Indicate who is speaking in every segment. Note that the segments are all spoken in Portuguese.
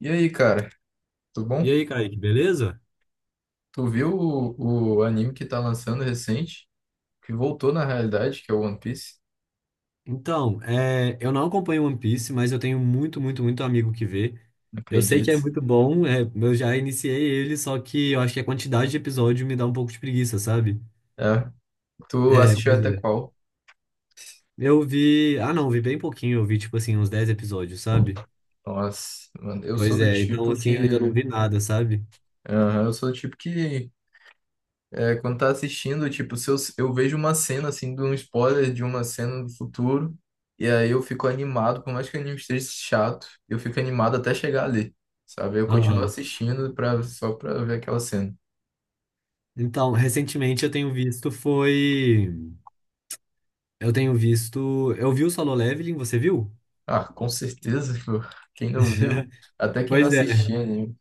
Speaker 1: E aí, cara, tudo bom?
Speaker 2: E aí, Kaique, beleza?
Speaker 1: Tu viu o anime que tá lançando recente, que voltou na realidade, que é o One Piece?
Speaker 2: Então, eu não acompanho One Piece, mas eu tenho muito, muito, muito amigo que vê.
Speaker 1: Não
Speaker 2: Eu sei que é
Speaker 1: acredito.
Speaker 2: muito bom, eu já iniciei ele, só que eu acho que a quantidade de episódio me dá um pouco de preguiça, sabe?
Speaker 1: É, tu
Speaker 2: É,
Speaker 1: assistiu
Speaker 2: pois
Speaker 1: até
Speaker 2: é.
Speaker 1: qual?
Speaker 2: Eu vi. Ah, não, eu vi bem pouquinho, eu vi tipo assim, uns 10 episódios, sabe?
Speaker 1: Nossa, mano, eu sou
Speaker 2: Pois
Speaker 1: do
Speaker 2: é, então
Speaker 1: tipo que.
Speaker 2: assim, eu ainda não vi nada, sabe?
Speaker 1: Aham, eu sou do tipo que. Quando tá assistindo, tipo, se eu vejo uma cena, assim, de um spoiler de uma cena do futuro, e aí eu fico animado, por mais que o anime esteja chato, eu fico animado até chegar ali, sabe? Eu continuo
Speaker 2: Aham.
Speaker 1: assistindo pra, só pra ver aquela cena.
Speaker 2: Então, recentemente eu tenho visto foi. Eu tenho visto. Eu vi o Solo Leveling, você viu?
Speaker 1: Ah, com certeza, pô. Quem não viu, até quem não
Speaker 2: Pois é.
Speaker 1: assistia anime.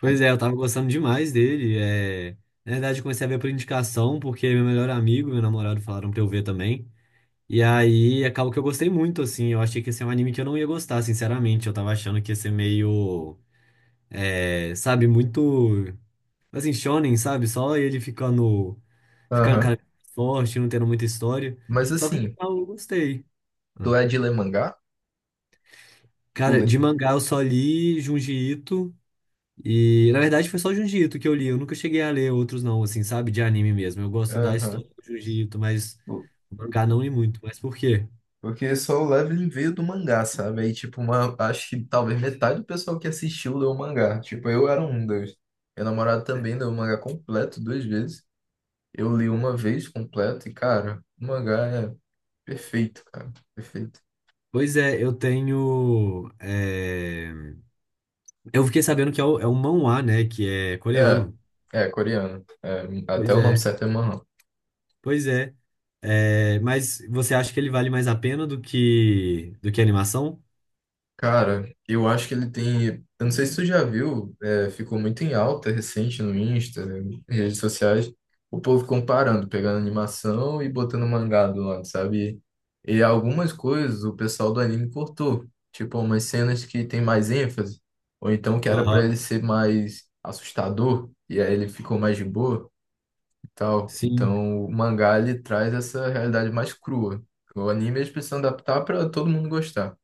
Speaker 2: Pois é, eu tava gostando demais dele. Na verdade, eu comecei a ver por indicação, porque meu melhor amigo, e meu namorado falaram pra eu ver também. E aí, acabou que eu gostei muito, assim. Eu achei que ia ser um anime que eu não ia gostar, sinceramente. Eu tava achando que ia ser meio, sabe, muito, assim, shonen, sabe? Só ele ficando,
Speaker 1: Aham.
Speaker 2: cara forte, não tendo muita história.
Speaker 1: Mas
Speaker 2: Só que no
Speaker 1: assim,
Speaker 2: final eu gostei. Ah.
Speaker 1: tu é de ler mangá? Tu
Speaker 2: Cara,
Speaker 1: lê.
Speaker 2: de mangá eu só li Junji Ito. E na verdade foi só o Jujutsu que eu li. Eu nunca cheguei a ler outros, não, assim, sabe? De anime mesmo. Eu gosto da
Speaker 1: Aham.
Speaker 2: história do Jujutsu, mas
Speaker 1: O-
Speaker 2: o mangá
Speaker 1: o-
Speaker 2: não li muito. Mas por quê?
Speaker 1: Porque só o Leveling veio do mangá, sabe? Aí, tipo, uma, acho que talvez metade do pessoal que assistiu leu o mangá. Tipo, eu era um deles. Meu namorado também leu o mangá completo duas vezes. Eu li uma vez completo e, cara, o mangá é perfeito, cara. Perfeito.
Speaker 2: Pois é, eu tenho. Eu fiquei sabendo que é o, é o manhwa, né? Que é
Speaker 1: É,
Speaker 2: coreano.
Speaker 1: é coreano. É, até
Speaker 2: Pois
Speaker 1: o nome
Speaker 2: é,
Speaker 1: certo é Manhwa.
Speaker 2: pois é. É, mas você acha que ele vale mais a pena do que a animação?
Speaker 1: Cara, eu acho que ele tem. Eu não sei se tu já viu, ficou muito em alta recente no Insta, né, redes sociais, o povo comparando, pegando animação e botando mangá do lado, sabe? E algumas coisas o pessoal do anime cortou, tipo umas cenas que tem mais ênfase, ou então que era pra ele
Speaker 2: Aham,
Speaker 1: ser mais assustador, e aí ele ficou mais de boa e tal.
Speaker 2: sim.
Speaker 1: Então o mangá ele traz essa realidade mais crua. O anime eles precisam adaptar pra todo mundo gostar,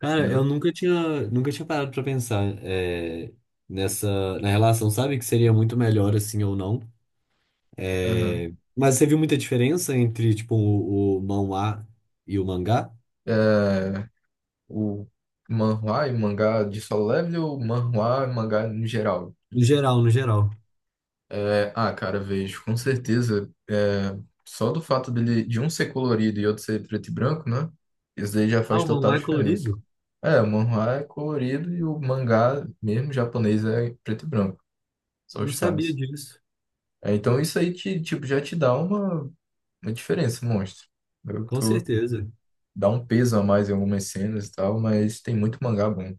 Speaker 2: Cara, eu
Speaker 1: entendeu?
Speaker 2: nunca tinha, nunca tinha parado pra pensar nessa na relação, sabe? Que seria muito melhor assim ou não.
Speaker 1: Aham.
Speaker 2: É, mas você viu muita diferença entre, tipo, o manhwa e o mangá?
Speaker 1: é, o manhwa e mangá de Solo Leveling ou manhwa e mangá no geral?
Speaker 2: No geral, no geral.
Speaker 1: É, ah, cara, vejo, com certeza. Só do fato dele, de um ser colorido e outro ser preto e branco, né? Isso daí já
Speaker 2: Ah,
Speaker 1: faz
Speaker 2: o
Speaker 1: total
Speaker 2: manhwa é
Speaker 1: diferença.
Speaker 2: colorido?
Speaker 1: É, o manhwa é colorido e o mangá mesmo japonês é preto e branco,
Speaker 2: Eu
Speaker 1: só
Speaker 2: não
Speaker 1: os
Speaker 2: sabia
Speaker 1: traços.
Speaker 2: disso.
Speaker 1: É, então isso aí te, tipo, já te dá uma diferença, um monstro. Eu
Speaker 2: Com
Speaker 1: tô,
Speaker 2: certeza.
Speaker 1: Dá um peso a mais em algumas cenas e tal, mas tem muito mangá bom.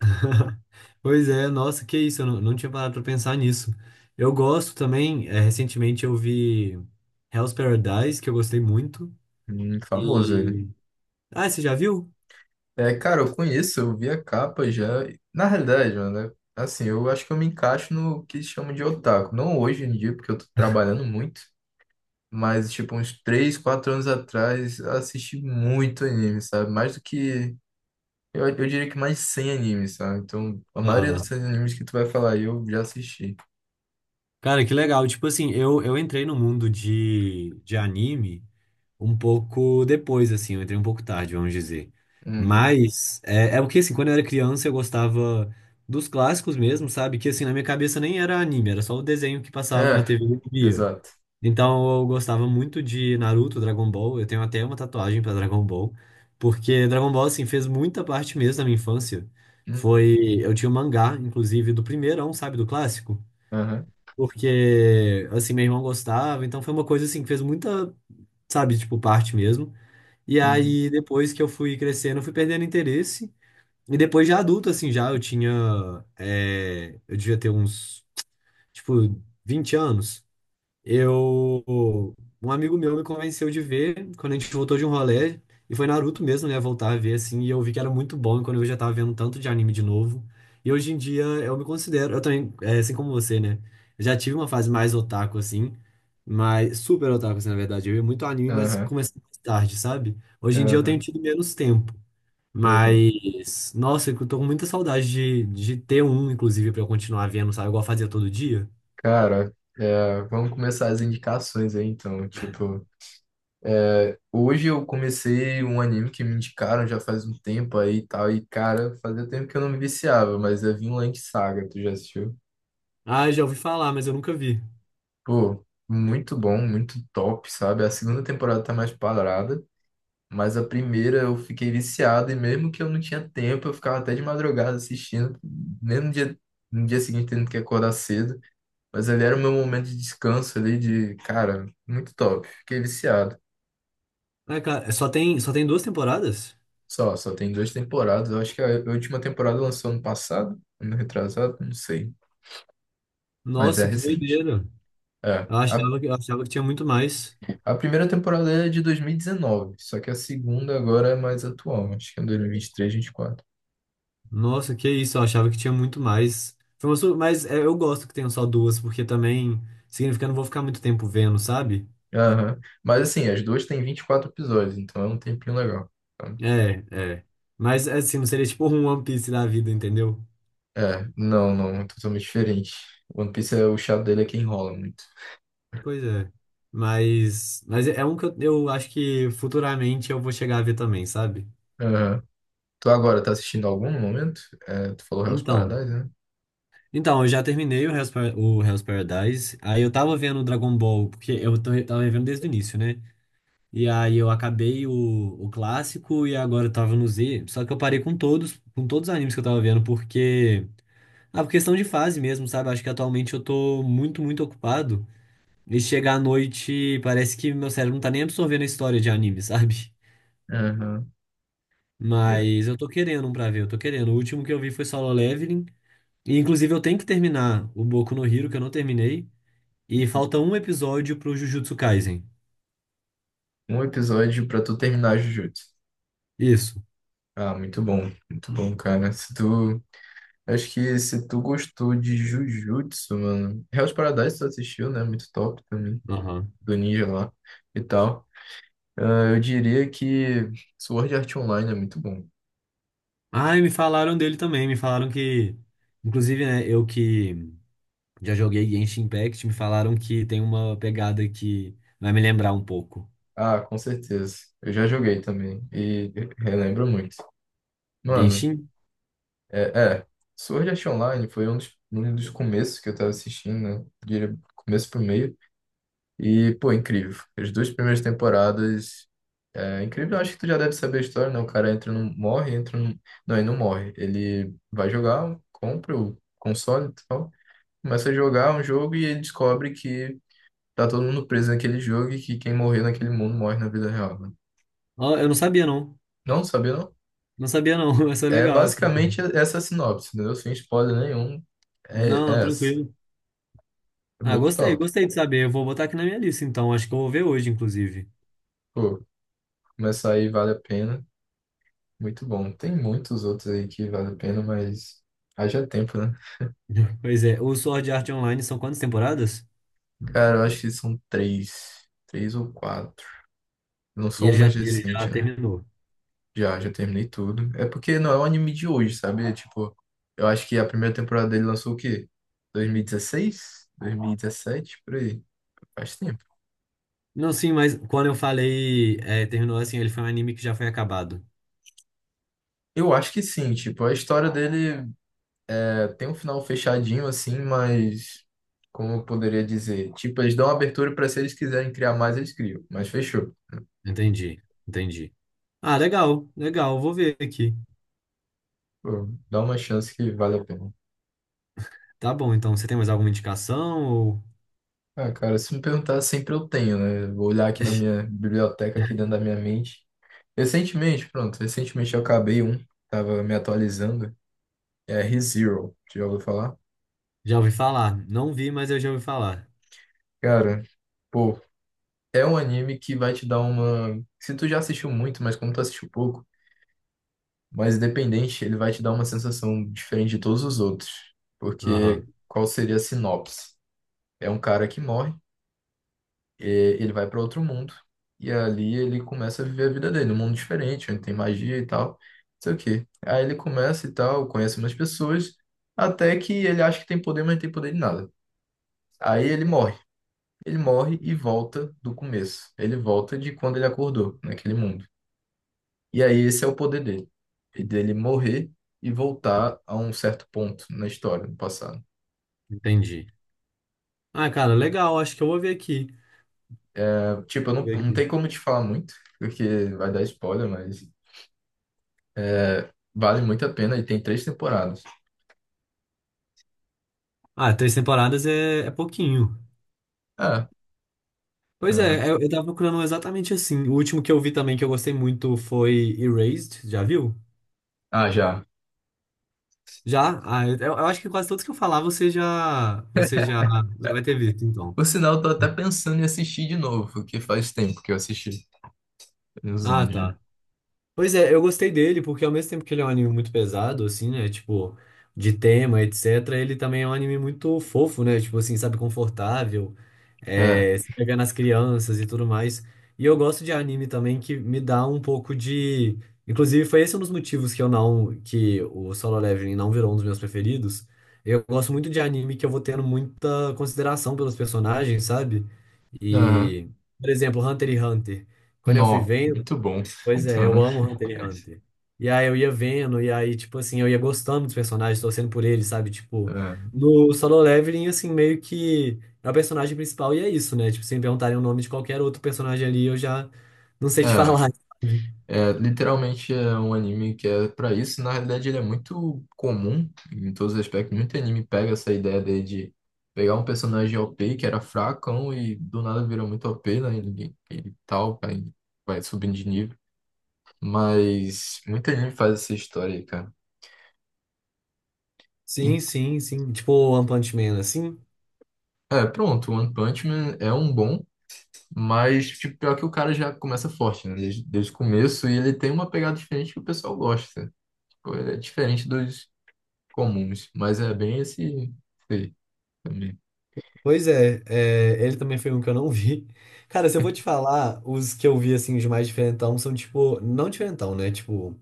Speaker 2: Pois é, nossa, que isso, eu não tinha parado pra pensar nisso. Eu gosto também, recentemente eu vi Hell's Paradise, que eu gostei muito.
Speaker 1: Famoso ele.
Speaker 2: E. Ah, você já viu?
Speaker 1: É, cara, eu conheço, eu vi a capa já. Na realidade, mano, né? Assim, eu acho que eu me encaixo no que chamam de otaku. Não hoje em dia, porque eu tô trabalhando muito, mas, tipo, uns 3, 4 anos atrás, eu assisti muito anime, sabe? Mais do que. Eu diria que mais de 100 animes, sabe? Então, a maioria
Speaker 2: Ah,
Speaker 1: dos animes que tu vai falar aí, eu já assisti.
Speaker 2: cara, que legal. Tipo assim, eu entrei no mundo de, anime. Um pouco depois, assim, eu entrei um pouco tarde, vamos dizer.
Speaker 1: Uhum.
Speaker 2: Mas é o que, assim, quando eu era criança eu gostava dos clássicos mesmo, sabe? Que, assim, na minha cabeça nem era anime, era só o desenho que passava na
Speaker 1: É,
Speaker 2: TV e eu via.
Speaker 1: exato.
Speaker 2: Então eu gostava muito de Naruto, Dragon Ball, eu tenho até uma tatuagem pra Dragon Ball, porque Dragon Ball, assim, fez muita parte mesmo da minha infância.
Speaker 1: Uhum,
Speaker 2: Foi, eu tinha o mangá, inclusive, do primeirão, sabe, do clássico.
Speaker 1: aham,
Speaker 2: Porque, assim, meu irmão gostava, então foi uma coisa, assim, que fez muita, sabe, tipo, parte mesmo. E
Speaker 1: uhum,
Speaker 2: aí, depois que eu fui crescendo, eu fui perdendo interesse. E depois de adulto, assim, já eu tinha. Eu devia ter uns, tipo, 20 anos. Eu, um amigo meu me convenceu de ver quando a gente voltou de um rolê, e foi Naruto mesmo, né, voltar a ver assim, e eu vi que era muito bom, e quando eu já tava vendo tanto de anime de novo. E hoje em dia eu me considero, eu também, assim como você, né? Eu já tive uma fase mais otaku assim, mas super otaku assim, na verdade. Eu ia muito anime, mas
Speaker 1: aham,
Speaker 2: comecei mais tarde, sabe? Hoje em dia eu tenho
Speaker 1: aham,
Speaker 2: tido menos tempo,
Speaker 1: aham.
Speaker 2: mas nossa, eu tô com muita saudade de, ter um, inclusive, pra eu continuar vendo, sabe? Igual eu fazia todo dia.
Speaker 1: Cara, vamos começar as indicações aí, então, tipo. Hoje eu comecei um anime que me indicaram já faz um tempo aí e tal, e cara, fazia tempo que eu não me viciava, mas é Vinland Saga, tu já assistiu?
Speaker 2: Ah, já ouvi falar, mas eu nunca vi.
Speaker 1: Pô, muito bom, muito top, sabe? A segunda temporada tá mais parada, mas a primeira eu fiquei viciado, e mesmo que eu não tinha tempo, eu ficava até de madrugada assistindo, mesmo no dia, no dia seguinte tendo que acordar cedo, mas ali era o meu momento de descanso ali, de, cara, muito top, fiquei viciado.
Speaker 2: Ah, cara, só tem duas temporadas?
Speaker 1: Só tem duas temporadas. Eu acho que a última temporada lançou ano passado, ano retrasado, não sei. Mas é
Speaker 2: Nossa, que
Speaker 1: recente.
Speaker 2: doideira.
Speaker 1: É. A,
Speaker 2: Eu achava que tinha muito mais.
Speaker 1: a primeira temporada é de 2019, só que a segunda agora é mais atual. Acho que é 2023, 24.
Speaker 2: Nossa, que isso, eu achava que tinha muito mais. Mas é, eu gosto que tenham só duas, porque também significa que eu não vou ficar muito tempo vendo, sabe?
Speaker 1: Aham. Mas assim, as duas têm 24 episódios, então é um tempinho legal. Então,
Speaker 2: É, é. Mas assim, não seria tipo um One Piece da vida, entendeu?
Speaker 1: não, não, é totalmente diferente. One Piece, o chato dele é que enrola muito.
Speaker 2: Pois é. Mas é um que eu acho que futuramente eu vou chegar a ver também, sabe?
Speaker 1: Aham. Tu agora tá assistindo algum no momento? É, tu falou Hell's
Speaker 2: Então.
Speaker 1: Paradise, né?
Speaker 2: Então, eu já terminei o o Hell's Paradise. Aí eu tava vendo o Dragon Ball, porque eu tava vendo desde o início, né? E aí eu acabei o clássico e agora eu tava no Z. Só que eu parei com todos os animes que eu tava vendo, porque. Ah, por questão de fase mesmo, sabe? Acho que atualmente eu tô muito, muito ocupado. E chegar à noite, parece que meu cérebro não tá nem absorvendo a história de anime, sabe?
Speaker 1: Aham. Eu-
Speaker 2: Mas eu tô querendo um pra ver, eu tô querendo. O último que eu vi foi Solo Leveling. E inclusive eu tenho que terminar o Boku no Hero, que eu não terminei. E falta um episódio pro Jujutsu Kaisen.
Speaker 1: Um episódio pra tu terminar Jujutsu.
Speaker 2: Isso.
Speaker 1: Ah, muito bom, cara. Se tu. Acho que se tu gostou de Jujutsu, mano. Hell's Paradise tu assistiu, né? Muito top também.
Speaker 2: Aham.
Speaker 1: Do ninja lá e tal. Ah, eu diria que Sword Art Online é muito bom.
Speaker 2: Ah, e me falaram dele também. Me falaram que. Inclusive, né, eu que já joguei Genshin Impact, me falaram que tem uma pegada que vai me lembrar um pouco.
Speaker 1: Ah, com certeza. Eu já joguei também. E relembro muito. Mano,
Speaker 2: Genshin?
Speaker 1: é, é. Sword Art Online foi um dos começos que eu tava assistindo, né? Diria começo pro meio. E, pô, incrível. As duas primeiras temporadas. É incrível, acho que tu já deve saber a história, né? O cara entra num. Morre, entra num. Não, ele não morre. Ele vai jogar, compra o console e tal. Começa a jogar um jogo e ele descobre que tá todo mundo preso naquele jogo e que quem morrer naquele mundo morre na vida real, né?
Speaker 2: Ó, eu não sabia, não.
Speaker 1: Não, sabia não?
Speaker 2: Não sabia, não. Mas é
Speaker 1: É
Speaker 2: legal, assim.
Speaker 1: basicamente essa a sinopse, entendeu? Sem spoiler nenhum. É,
Speaker 2: Não,
Speaker 1: é essa.
Speaker 2: tranquilo.
Speaker 1: É
Speaker 2: Ah,
Speaker 1: muito
Speaker 2: gostei,
Speaker 1: top.
Speaker 2: gostei de saber. Eu vou botar aqui na minha lista, então. Acho que eu vou ver hoje, inclusive.
Speaker 1: Pô, começar aí vale a pena. Muito bom. Tem muitos outros aí que vale a pena, mas haja tempo, né?
Speaker 2: Pois é. O Sword Art Online são quantas temporadas?
Speaker 1: Cara, eu acho que são três. Três ou quatro. Eu não
Speaker 2: E
Speaker 1: sou
Speaker 2: ele
Speaker 1: um
Speaker 2: já,
Speaker 1: mais
Speaker 2: ele já
Speaker 1: recente, né?
Speaker 2: terminou.
Speaker 1: Já, já terminei tudo. É porque não é um anime de hoje, sabe? É. Tipo, eu acho que a primeira temporada dele lançou o quê? 2016? 2017? Por aí. Faz tempo.
Speaker 2: Não, sim, mas quando eu falei, terminou assim, ele foi um anime que já foi acabado.
Speaker 1: Eu acho que sim, tipo, a história dele tem um final fechadinho, assim, mas. Como eu poderia dizer? Tipo, eles dão abertura pra se eles quiserem criar mais, eles criam. Mas fechou.
Speaker 2: Entendi, entendi. Ah, legal, legal, vou ver aqui.
Speaker 1: Pô, dá uma chance que vale a pena.
Speaker 2: Tá bom, então você tem mais alguma indicação ou
Speaker 1: Ah, cara, se me perguntar, sempre eu tenho, né? Vou olhar aqui na minha biblioteca, aqui dentro da minha mente. Recentemente, pronto, recentemente eu acabei um, tava me atualizando, ReZero, já ouviu falar?
Speaker 2: já ouvi falar? Não vi, mas eu já ouvi falar.
Speaker 1: Cara, pô, é um anime que vai te dar uma... Se tu já assistiu muito, mas como tu assistiu pouco, mas independente, ele vai te dar uma sensação diferente de todos os outros. Porque
Speaker 2: Aham,
Speaker 1: qual seria a sinopse? É um cara que morre e ele vai para outro mundo. E ali ele começa a viver a vida dele, num mundo diferente, onde tem magia e tal. Não sei o quê. Aí ele começa e tal, conhece umas pessoas, até que ele acha que tem poder, mas não tem poder de nada. Aí ele morre. Ele morre e volta do começo. Ele volta de quando ele acordou, naquele mundo. E aí esse é o poder dele. E dele morrer e voltar a um certo ponto na história, no passado.
Speaker 2: entendi. Ah, cara, legal, acho que eu vou ver aqui.
Speaker 1: É, tipo, eu não,
Speaker 2: Ver
Speaker 1: não
Speaker 2: aqui.
Speaker 1: tem como te falar muito, porque vai dar spoiler, mas vale muito a pena e tem três temporadas.
Speaker 2: Ah, três temporadas é pouquinho.
Speaker 1: Ah,
Speaker 2: Pois
Speaker 1: aham.
Speaker 2: é, eu tava procurando um exatamente assim. O último que eu vi também que eu gostei muito foi Erased, já viu?
Speaker 1: Ah, já.
Speaker 2: Já? Ah, eu acho que quase todos que eu falar você já, já vai ter visto, então.
Speaker 1: Por sinal, eu tô até pensando em assistir de novo, porque faz tempo que eu assisti. Tem uns
Speaker 2: Ah,
Speaker 1: anos já.
Speaker 2: tá. Pois é, eu gostei dele porque ao mesmo tempo que ele é um anime muito pesado, assim, né? Tipo, de tema, etc., ele também é um anime muito fofo, né? Tipo assim, sabe, confortável.
Speaker 1: É.
Speaker 2: Se pegar nas crianças e tudo mais. E eu gosto de anime também que me dá um pouco de. Inclusive, foi esse um dos motivos que eu não. Que o Solo Leveling não virou um dos meus preferidos. Eu gosto muito de anime que eu vou tendo muita consideração pelos personagens, sabe?
Speaker 1: Aham.
Speaker 2: E, por exemplo, Hunter x Hunter. Quando eu fui
Speaker 1: Nó.
Speaker 2: vendo.
Speaker 1: Muito bom.
Speaker 2: Pois
Speaker 1: Muito
Speaker 2: é, eu
Speaker 1: bom.
Speaker 2: amo Hunter x Hunter. E aí eu ia vendo, e aí, tipo assim, eu ia gostando dos personagens, torcendo por eles, sabe? Tipo,
Speaker 1: É.
Speaker 2: no Solo Leveling, assim, meio que é o personagem principal e é isso, né? Tipo, se me perguntarem o nome de qualquer outro personagem ali, eu já não sei te
Speaker 1: É.
Speaker 2: falar, sabe?
Speaker 1: É, literalmente é um anime que é pra isso. Na realidade, ele é muito comum em todos os aspectos. Muito anime pega essa ideia dele de pegar um personagem OP que era fracão e do nada vira muito OP, né? Ele tal, vai subindo de nível. Mas muito anime faz essa história aí, cara.
Speaker 2: Sim, sim, sim. Tipo o One Punch Man, assim.
Speaker 1: É, pronto, One Punch Man é um bom, mas tipo, pior que o cara já começa forte, né? Desde o começo, e ele tem uma pegada diferente que o pessoal gosta. Tipo, ele é diferente dos comuns, mas é bem esse, esse aí também.
Speaker 2: Pois é, ele também foi um que eu não vi. Cara, se eu vou te falar, os que eu vi, assim, os mais diferentão são, tipo, não diferentão, né? Tipo,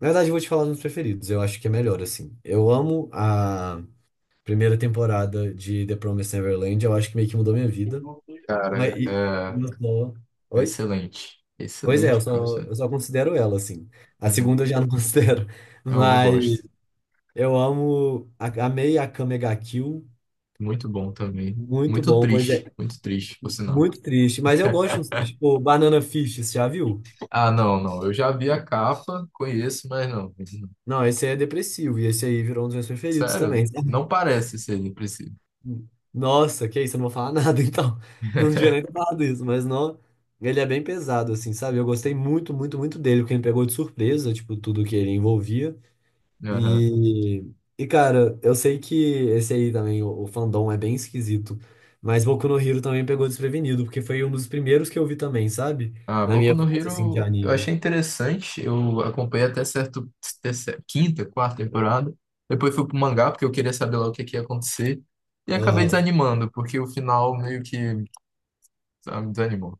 Speaker 2: na verdade, eu vou te falar dos meus preferidos. Eu acho que é melhor, assim. Eu amo a. Primeira temporada de The Promised Neverland, eu acho que meio que mudou minha vida.
Speaker 1: Cara,
Speaker 2: Mas e- eu só.
Speaker 1: é
Speaker 2: Oi?
Speaker 1: excelente.
Speaker 2: Pois é,
Speaker 1: Excelente, professor.
Speaker 2: eu só considero ela, assim. A
Speaker 1: Uhum.
Speaker 2: segunda eu já não considero.
Speaker 1: É uma
Speaker 2: Mas
Speaker 1: bosta.
Speaker 2: eu amo. A- Amei a Kamega Kill.
Speaker 1: Muito bom também.
Speaker 2: Muito bom, pois é.
Speaker 1: Muito triste, por sinal.
Speaker 2: Muito triste. Mas eu gosto de uns tristes, tipo Banana Fish, você já viu?
Speaker 1: Ah, não, não. Eu já vi a capa, conheço, mas não.
Speaker 2: Não, esse aí é depressivo. E esse aí virou um dos meus preferidos
Speaker 1: Sério?
Speaker 2: também.
Speaker 1: Não parece ser impressivo.
Speaker 2: Nossa, que isso, eu não vou falar nada, então. Não devia nem ter falado isso, mas não. Ele é bem pesado, assim, sabe? Eu gostei muito, muito, muito dele, porque ele me pegou de surpresa, tipo, tudo que ele envolvia. E, e cara, eu sei que esse aí também, o fandom, é bem esquisito. Mas Boku no Hero também pegou desprevenido, porque foi um dos primeiros que eu vi também, sabe?
Speaker 1: Ah,
Speaker 2: Na
Speaker 1: Boku
Speaker 2: minha
Speaker 1: no
Speaker 2: fase, assim, de
Speaker 1: Hero eu achei
Speaker 2: anime.
Speaker 1: interessante, eu acompanhei até certo, quinta, quarta temporada. Depois fui pro mangá porque eu queria saber lá o que, que ia acontecer. E acabei
Speaker 2: Aham.
Speaker 1: desanimando, porque o final meio que sabe, me desanimou.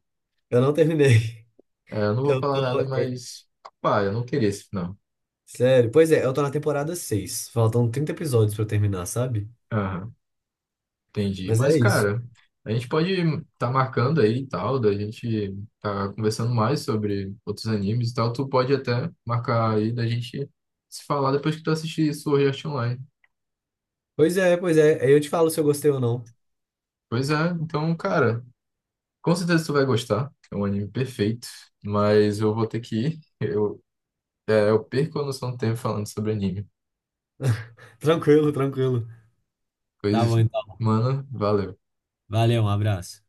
Speaker 2: Eu não terminei.
Speaker 1: É, eu não vou
Speaker 2: Eu
Speaker 1: falar
Speaker 2: tô.
Speaker 1: nada,
Speaker 2: é,
Speaker 1: mas pá, eu não queria esse final.
Speaker 2: sério. Pois é, eu tô na temporada seis. Faltam 30 episódios pra eu terminar, sabe?
Speaker 1: Aham, entendi.
Speaker 2: Mas
Speaker 1: Mas,
Speaker 2: é isso.
Speaker 1: cara, a gente pode tá marcando aí e tal, da gente tá conversando mais sobre outros animes e tal. Tu pode até marcar aí da gente se falar depois que tu assistir Sword Art Online.
Speaker 2: Pois é, pois é. Aí eu te falo se eu gostei ou não.
Speaker 1: Pois é, então, cara, com certeza tu vai gostar. É um anime perfeito, mas eu vou ter que ir. Eu perco a noção do tempo falando sobre anime.
Speaker 2: Tranquilo, tranquilo. Tá
Speaker 1: Pois,
Speaker 2: bom, então.
Speaker 1: mano, valeu.
Speaker 2: Valeu, um abraço.